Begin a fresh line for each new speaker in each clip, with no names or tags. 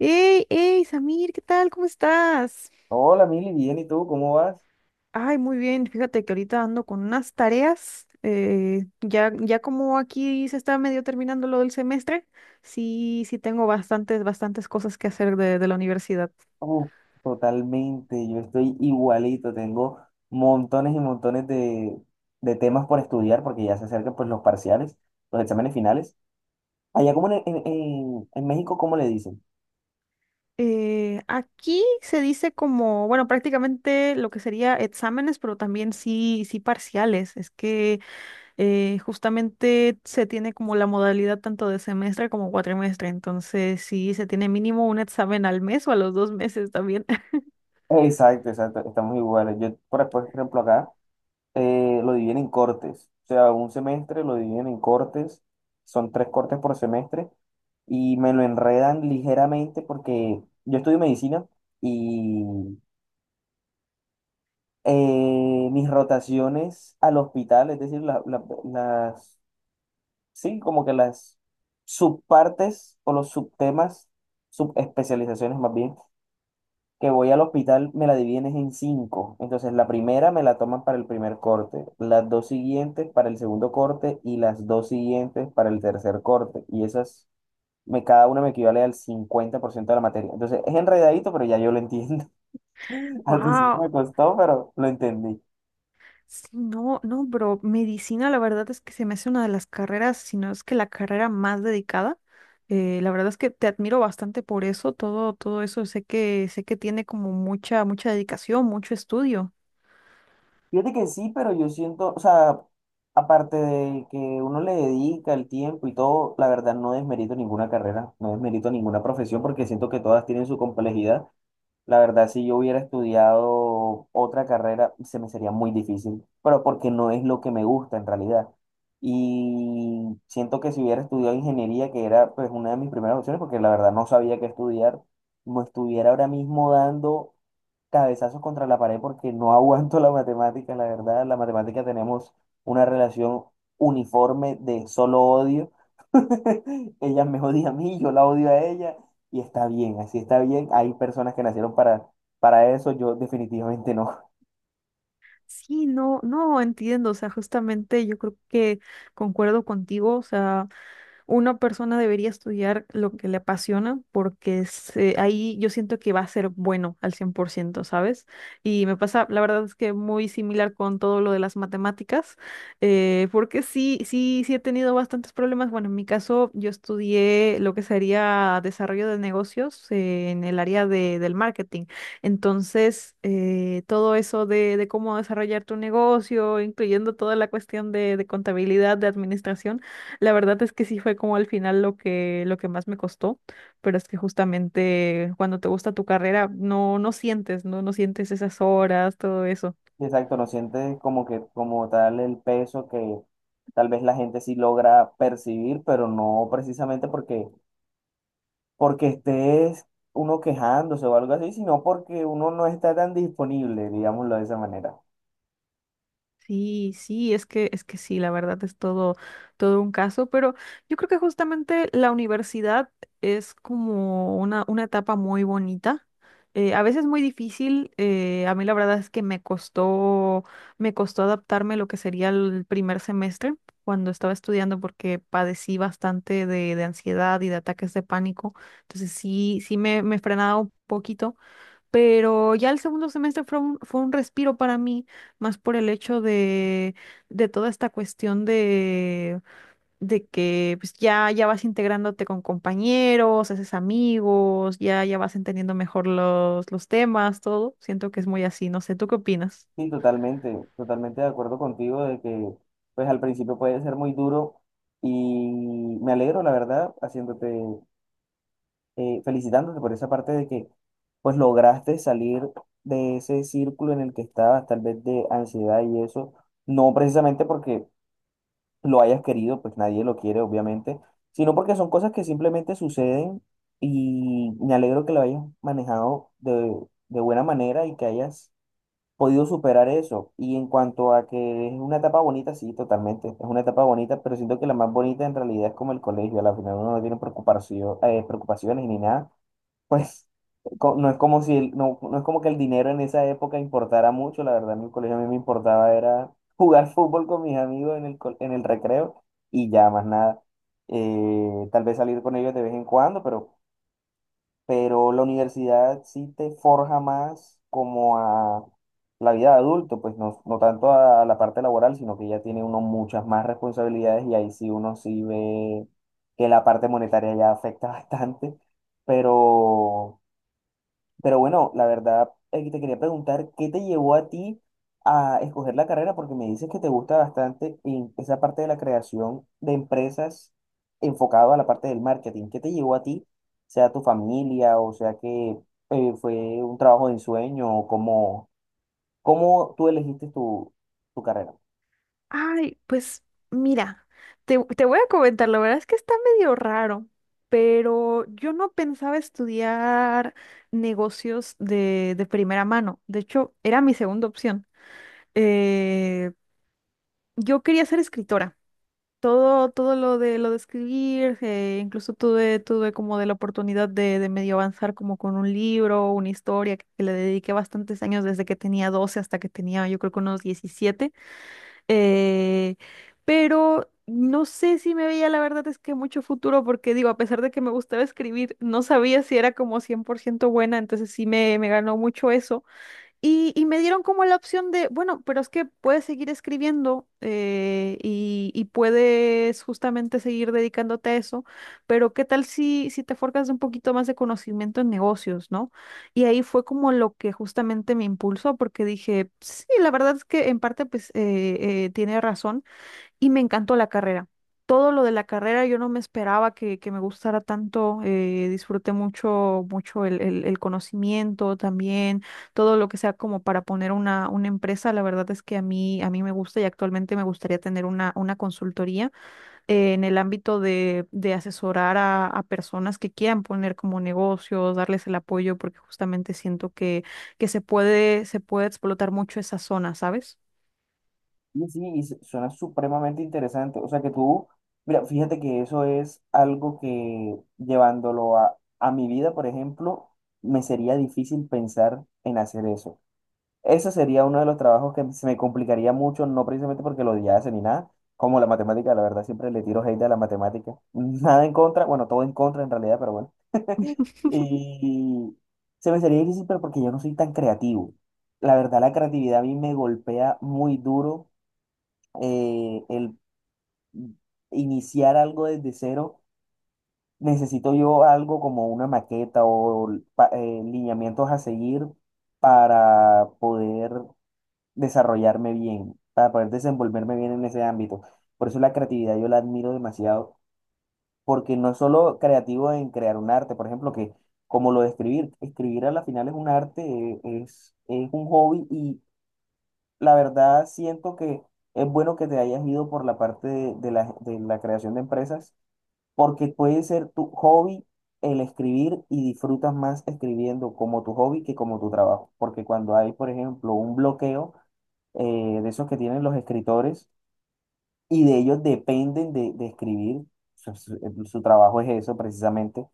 Hey, hey, Samir, ¿qué tal? ¿Cómo estás?
Hola, Mili, bien, ¿y tú? ¿Cómo vas?
Ay, muy bien. Fíjate que ahorita ando con unas tareas. Ya, ya como aquí se está medio terminando lo del semestre, sí, sí tengo bastantes, bastantes cosas que hacer de la universidad.
Uf, totalmente, yo estoy igualito, tengo montones y montones de temas por estudiar porque ya se acercan pues los parciales, los exámenes finales. Allá como en, en México, ¿cómo le dicen?
Aquí se dice como, bueno, prácticamente lo que sería exámenes, pero también sí, sí parciales. Es que justamente se tiene como la modalidad tanto de semestre como cuatrimestre, entonces sí, se tiene mínimo un examen al mes o a los 2 meses también.
Exacto, exacto, estamos iguales. Yo, por ejemplo, acá lo dividen en cortes, o sea, un semestre lo dividen en cortes, son tres cortes por semestre y me lo enredan ligeramente porque yo estudio medicina. Y mis rotaciones al hospital, es decir, las, sí, como que las subpartes o los subtemas, subespecializaciones más bien, que voy al hospital me la dividen es en cinco. Entonces, la primera me la toman para el primer corte, las dos siguientes para el segundo corte y las dos siguientes para el tercer corte. Y esas, me, cada una me equivale al 50% de la materia. Entonces, es enredadito, pero ya yo lo entiendo. Al principio me
Wow.
costó, pero lo entendí.
Sí, no, no, bro. Medicina, la verdad es que se me hace una de las carreras, si no es que la carrera más dedicada. La verdad es que te admiro bastante por eso, todo, todo eso sé que tiene como mucha, mucha dedicación, mucho estudio.
Fíjate que sí, pero yo siento, o sea, aparte de que uno le dedica el tiempo y todo, la verdad no desmerito ninguna carrera, no desmerito ninguna profesión porque siento que todas tienen su complejidad. La verdad, si yo hubiera estudiado otra carrera, se me sería muy difícil, pero porque no es lo que me gusta en realidad. Y siento que si hubiera estudiado ingeniería, que era pues una de mis primeras opciones, porque la verdad no sabía qué estudiar, como estuviera ahora mismo dando cabezazos contra la pared porque no aguanto la matemática, la verdad, la matemática tenemos una relación uniforme de solo odio. Ella me odia a mí, yo la odio a ella y está bien, así está bien. Hay personas que nacieron para eso, yo definitivamente no.
Sí, no, no entiendo, o sea, justamente yo creo que concuerdo contigo, o sea, una persona debería estudiar lo que le apasiona porque ahí yo siento que va a ser bueno al 100%, ¿sabes? Y me pasa, la verdad es que muy similar con todo lo de las matemáticas, porque sí, sí, sí he tenido bastantes problemas. Bueno, en mi caso yo estudié lo que sería desarrollo de negocios, en el área del marketing. Entonces, todo eso de cómo desarrollar tu negocio, incluyendo toda la cuestión de contabilidad, de administración. La verdad es que sí fue como al final lo que más me costó, pero es que justamente cuando te gusta tu carrera no, no sientes, no, no sientes esas horas, todo eso.
Exacto, no sientes como que como tal el peso que tal vez la gente sí logra percibir, pero no precisamente porque porque estés uno quejándose o algo así, sino porque uno no está tan disponible, digámoslo de esa manera.
Sí, sí, es que sí, la verdad es todo, todo un caso, pero yo creo que justamente la universidad es como una etapa muy bonita. A veces muy difícil, a mí la verdad es que me costó adaptarme a lo que sería el primer semestre cuando estaba estudiando porque padecí bastante de ansiedad y de ataques de pánico. Entonces sí, sí me frenaba un poquito, pero ya el segundo semestre fue un respiro para mí, más por el hecho de toda esta cuestión de que pues, ya, ya vas integrándote con compañeros, haces amigos, ya, ya vas entendiendo mejor los temas, todo. Siento que es muy así, no sé, ¿tú qué opinas?
Sí, totalmente, totalmente de acuerdo contigo de que pues al principio puede ser muy duro y me alegro, la verdad, haciéndote, felicitándote por esa parte de que pues lograste salir de ese círculo en el que estabas, tal vez de ansiedad y eso, no precisamente porque lo hayas querido, pues nadie lo quiere, obviamente, sino porque son cosas que simplemente suceden y me alegro que lo hayas manejado de buena manera y que hayas podido superar eso. Y en cuanto a que es una etapa bonita, sí, totalmente, es una etapa bonita, pero siento que la más bonita en realidad es como el colegio, a la final uno no tiene preocupación, preocupaciones ni nada pues co- no es como si el- no, no es como que el dinero en esa época importara mucho, la verdad en el colegio a mí me importaba era jugar fútbol con mis amigos en el, co- en el recreo y ya más nada. Tal vez salir con ellos de vez en cuando, pero la universidad sí te forja más como a la vida de adulto, pues no, no tanto a la parte laboral, sino que ya tiene uno muchas más responsabilidades y ahí sí uno sí ve que la parte monetaria ya afecta bastante, pero... Pero bueno, la verdad, te quería preguntar, ¿qué te llevó a ti a escoger la carrera? Porque me dices que te gusta bastante en esa parte de la creación de empresas enfocado a la parte del marketing. ¿Qué te llevó a ti? Sea tu familia, o sea que fue un trabajo de ensueño, o cómo, cómo tú elegiste tu, tu carrera.
Ay, pues mira, te voy a comentar, la verdad es que está medio raro, pero yo no pensaba estudiar negocios de primera mano. De hecho, era mi segunda opción. Eh, yo quería ser escritora. Todo, todo lo de escribir, incluso tuve como de la oportunidad de medio avanzar como con un libro, una historia que le dediqué bastantes años desde que tenía 12 hasta que tenía yo creo que unos 17. Eh, pero no sé si me veía, la verdad es que mucho futuro, porque digo, a pesar de que me gustaba escribir, no sabía si era como 100% buena, entonces sí me ganó mucho eso. Y me dieron como la opción de, bueno, pero es que puedes seguir escribiendo y puedes justamente seguir dedicándote a eso, pero ¿qué tal si te forjas de un poquito más de conocimiento en negocios, ¿no? Y ahí fue como lo que justamente me impulsó porque dije, sí, la verdad es que en parte pues tiene razón y me encantó la carrera. Todo lo de la carrera yo no me esperaba que me gustara tanto. Disfruté mucho, mucho el conocimiento también, todo lo que sea como para poner una empresa. La verdad es que a mí me gusta y actualmente me gustaría tener una consultoría, en el ámbito de asesorar a personas que quieran poner como negocios, darles el apoyo, porque justamente siento que se puede explotar mucho esa zona, ¿sabes?
Sí, sí, y su- suena supremamente interesante. O sea que tú, mira, fíjate que eso es algo que llevándolo a mi vida, por ejemplo, me sería difícil pensar en hacer eso. Eso sería uno de los trabajos que se me complicaría mucho, no precisamente porque lo odiase ni nada, como la matemática, la verdad, siempre le tiro hate a la matemática. Nada en contra, bueno, todo en contra en realidad, pero bueno. Y se me sería difícil, pero porque yo no soy tan creativo. La verdad, la creatividad a mí me golpea muy duro el iniciar algo desde cero, necesito yo algo como una maqueta o lineamientos a seguir para poder desarrollarme bien, para poder desenvolverme bien en ese ámbito. Por eso la creatividad yo la admiro demasiado, porque no es solo creativo en crear un arte, por ejemplo, que como lo de escribir, escribir a la final es un arte, es un hobby y la verdad siento que es bueno que te hayas ido por la parte de de la creación de empresas porque puede ser tu hobby el escribir y disfrutas más escribiendo como tu hobby que como tu trabajo. Porque cuando hay, por ejemplo, un bloqueo de esos que tienen los escritores y de ellos dependen de escribir, su trabajo es eso precisamente,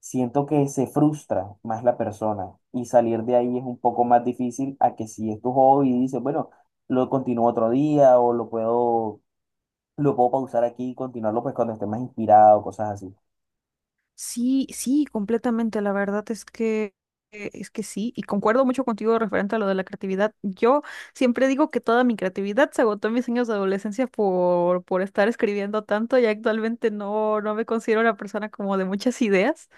siento que se frustra más la persona y salir de ahí es un poco más difícil a que si es tu hobby y dices, bueno, lo continúo otro día o lo puedo pausar aquí y continuarlo pues cuando esté más inspirado, cosas así.
Sí, sí, completamente. La verdad es que sí, y concuerdo mucho contigo referente a lo de la creatividad. Yo siempre digo que toda mi creatividad se agotó en mis años de adolescencia por estar escribiendo tanto y actualmente no, no me considero una persona como de muchas ideas.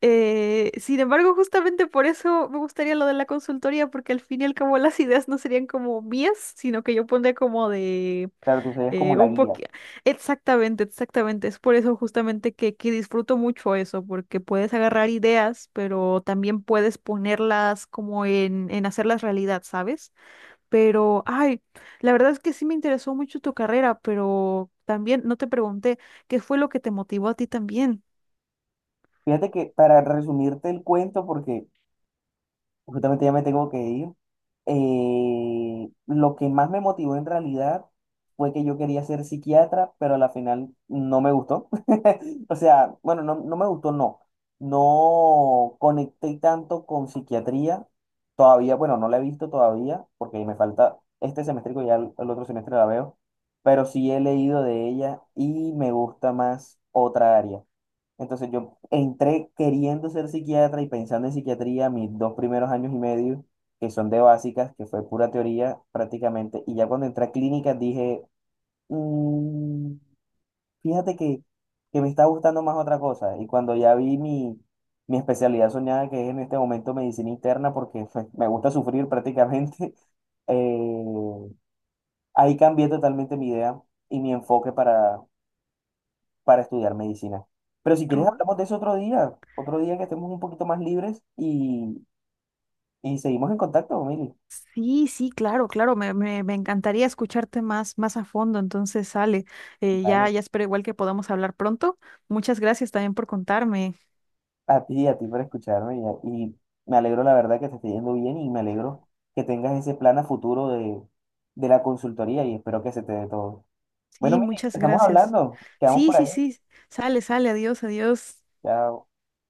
Sin embargo, justamente por eso me gustaría lo de la consultoría, porque al fin y al cabo las ideas no serían como mías, sino que yo pondría como de
Claro, tú serías como la
un
guía.
poquito. Exactamente, exactamente. Es por eso justamente que disfruto mucho eso, porque puedes agarrar ideas, pero también puedes ponerlas como en hacerlas realidad, ¿sabes? Pero, ay, la verdad es que sí me interesó mucho tu carrera, pero también no te pregunté qué fue lo que te motivó a ti también.
Fíjate que para resumirte el cuento, porque justamente ya me tengo que ir, lo que más me motivó en realidad fue que yo quería ser psiquiatra, pero a la final no me gustó. O sea, bueno, no, no me gustó, no. No conecté tanto con psiquiatría todavía, bueno, no la he visto todavía, porque me falta este semestre, que ya el otro semestre la veo, pero sí he leído de ella y me gusta más otra área. Entonces yo entré queriendo ser psiquiatra y pensando en psiquiatría mis dos primeros años y medio, que son de básicas, que fue pura teoría prácticamente. Y ya cuando entré a clínicas dije, "Mm, fíjate que me está gustando más otra cosa". Y cuando ya vi mi, mi especialidad soñada, que es en este momento medicina interna, porque pues, me gusta sufrir prácticamente, eh, ahí cambié totalmente mi idea y mi enfoque para estudiar medicina. Pero si quieres,
Oh.
hablamos de eso otro día que estemos un poquito más libres y seguimos en contacto, Mili.
Sí, sí, claro, claro, me encantaría escucharte más, más a fondo, entonces sale, ya,
Dale.
ya espero igual que podamos hablar pronto. Muchas gracias también por contarme.
A ti por escucharme y me alegro la verdad que te esté yendo bien y me alegro que tengas ese plan a futuro de la consultoría y espero que se te dé todo. Bueno,
Sí,
Mili,
muchas
estamos
gracias.
hablando, quedamos
Sí,
por
sí,
ahí.
sí, sale, sale, adiós, adiós.
Chao.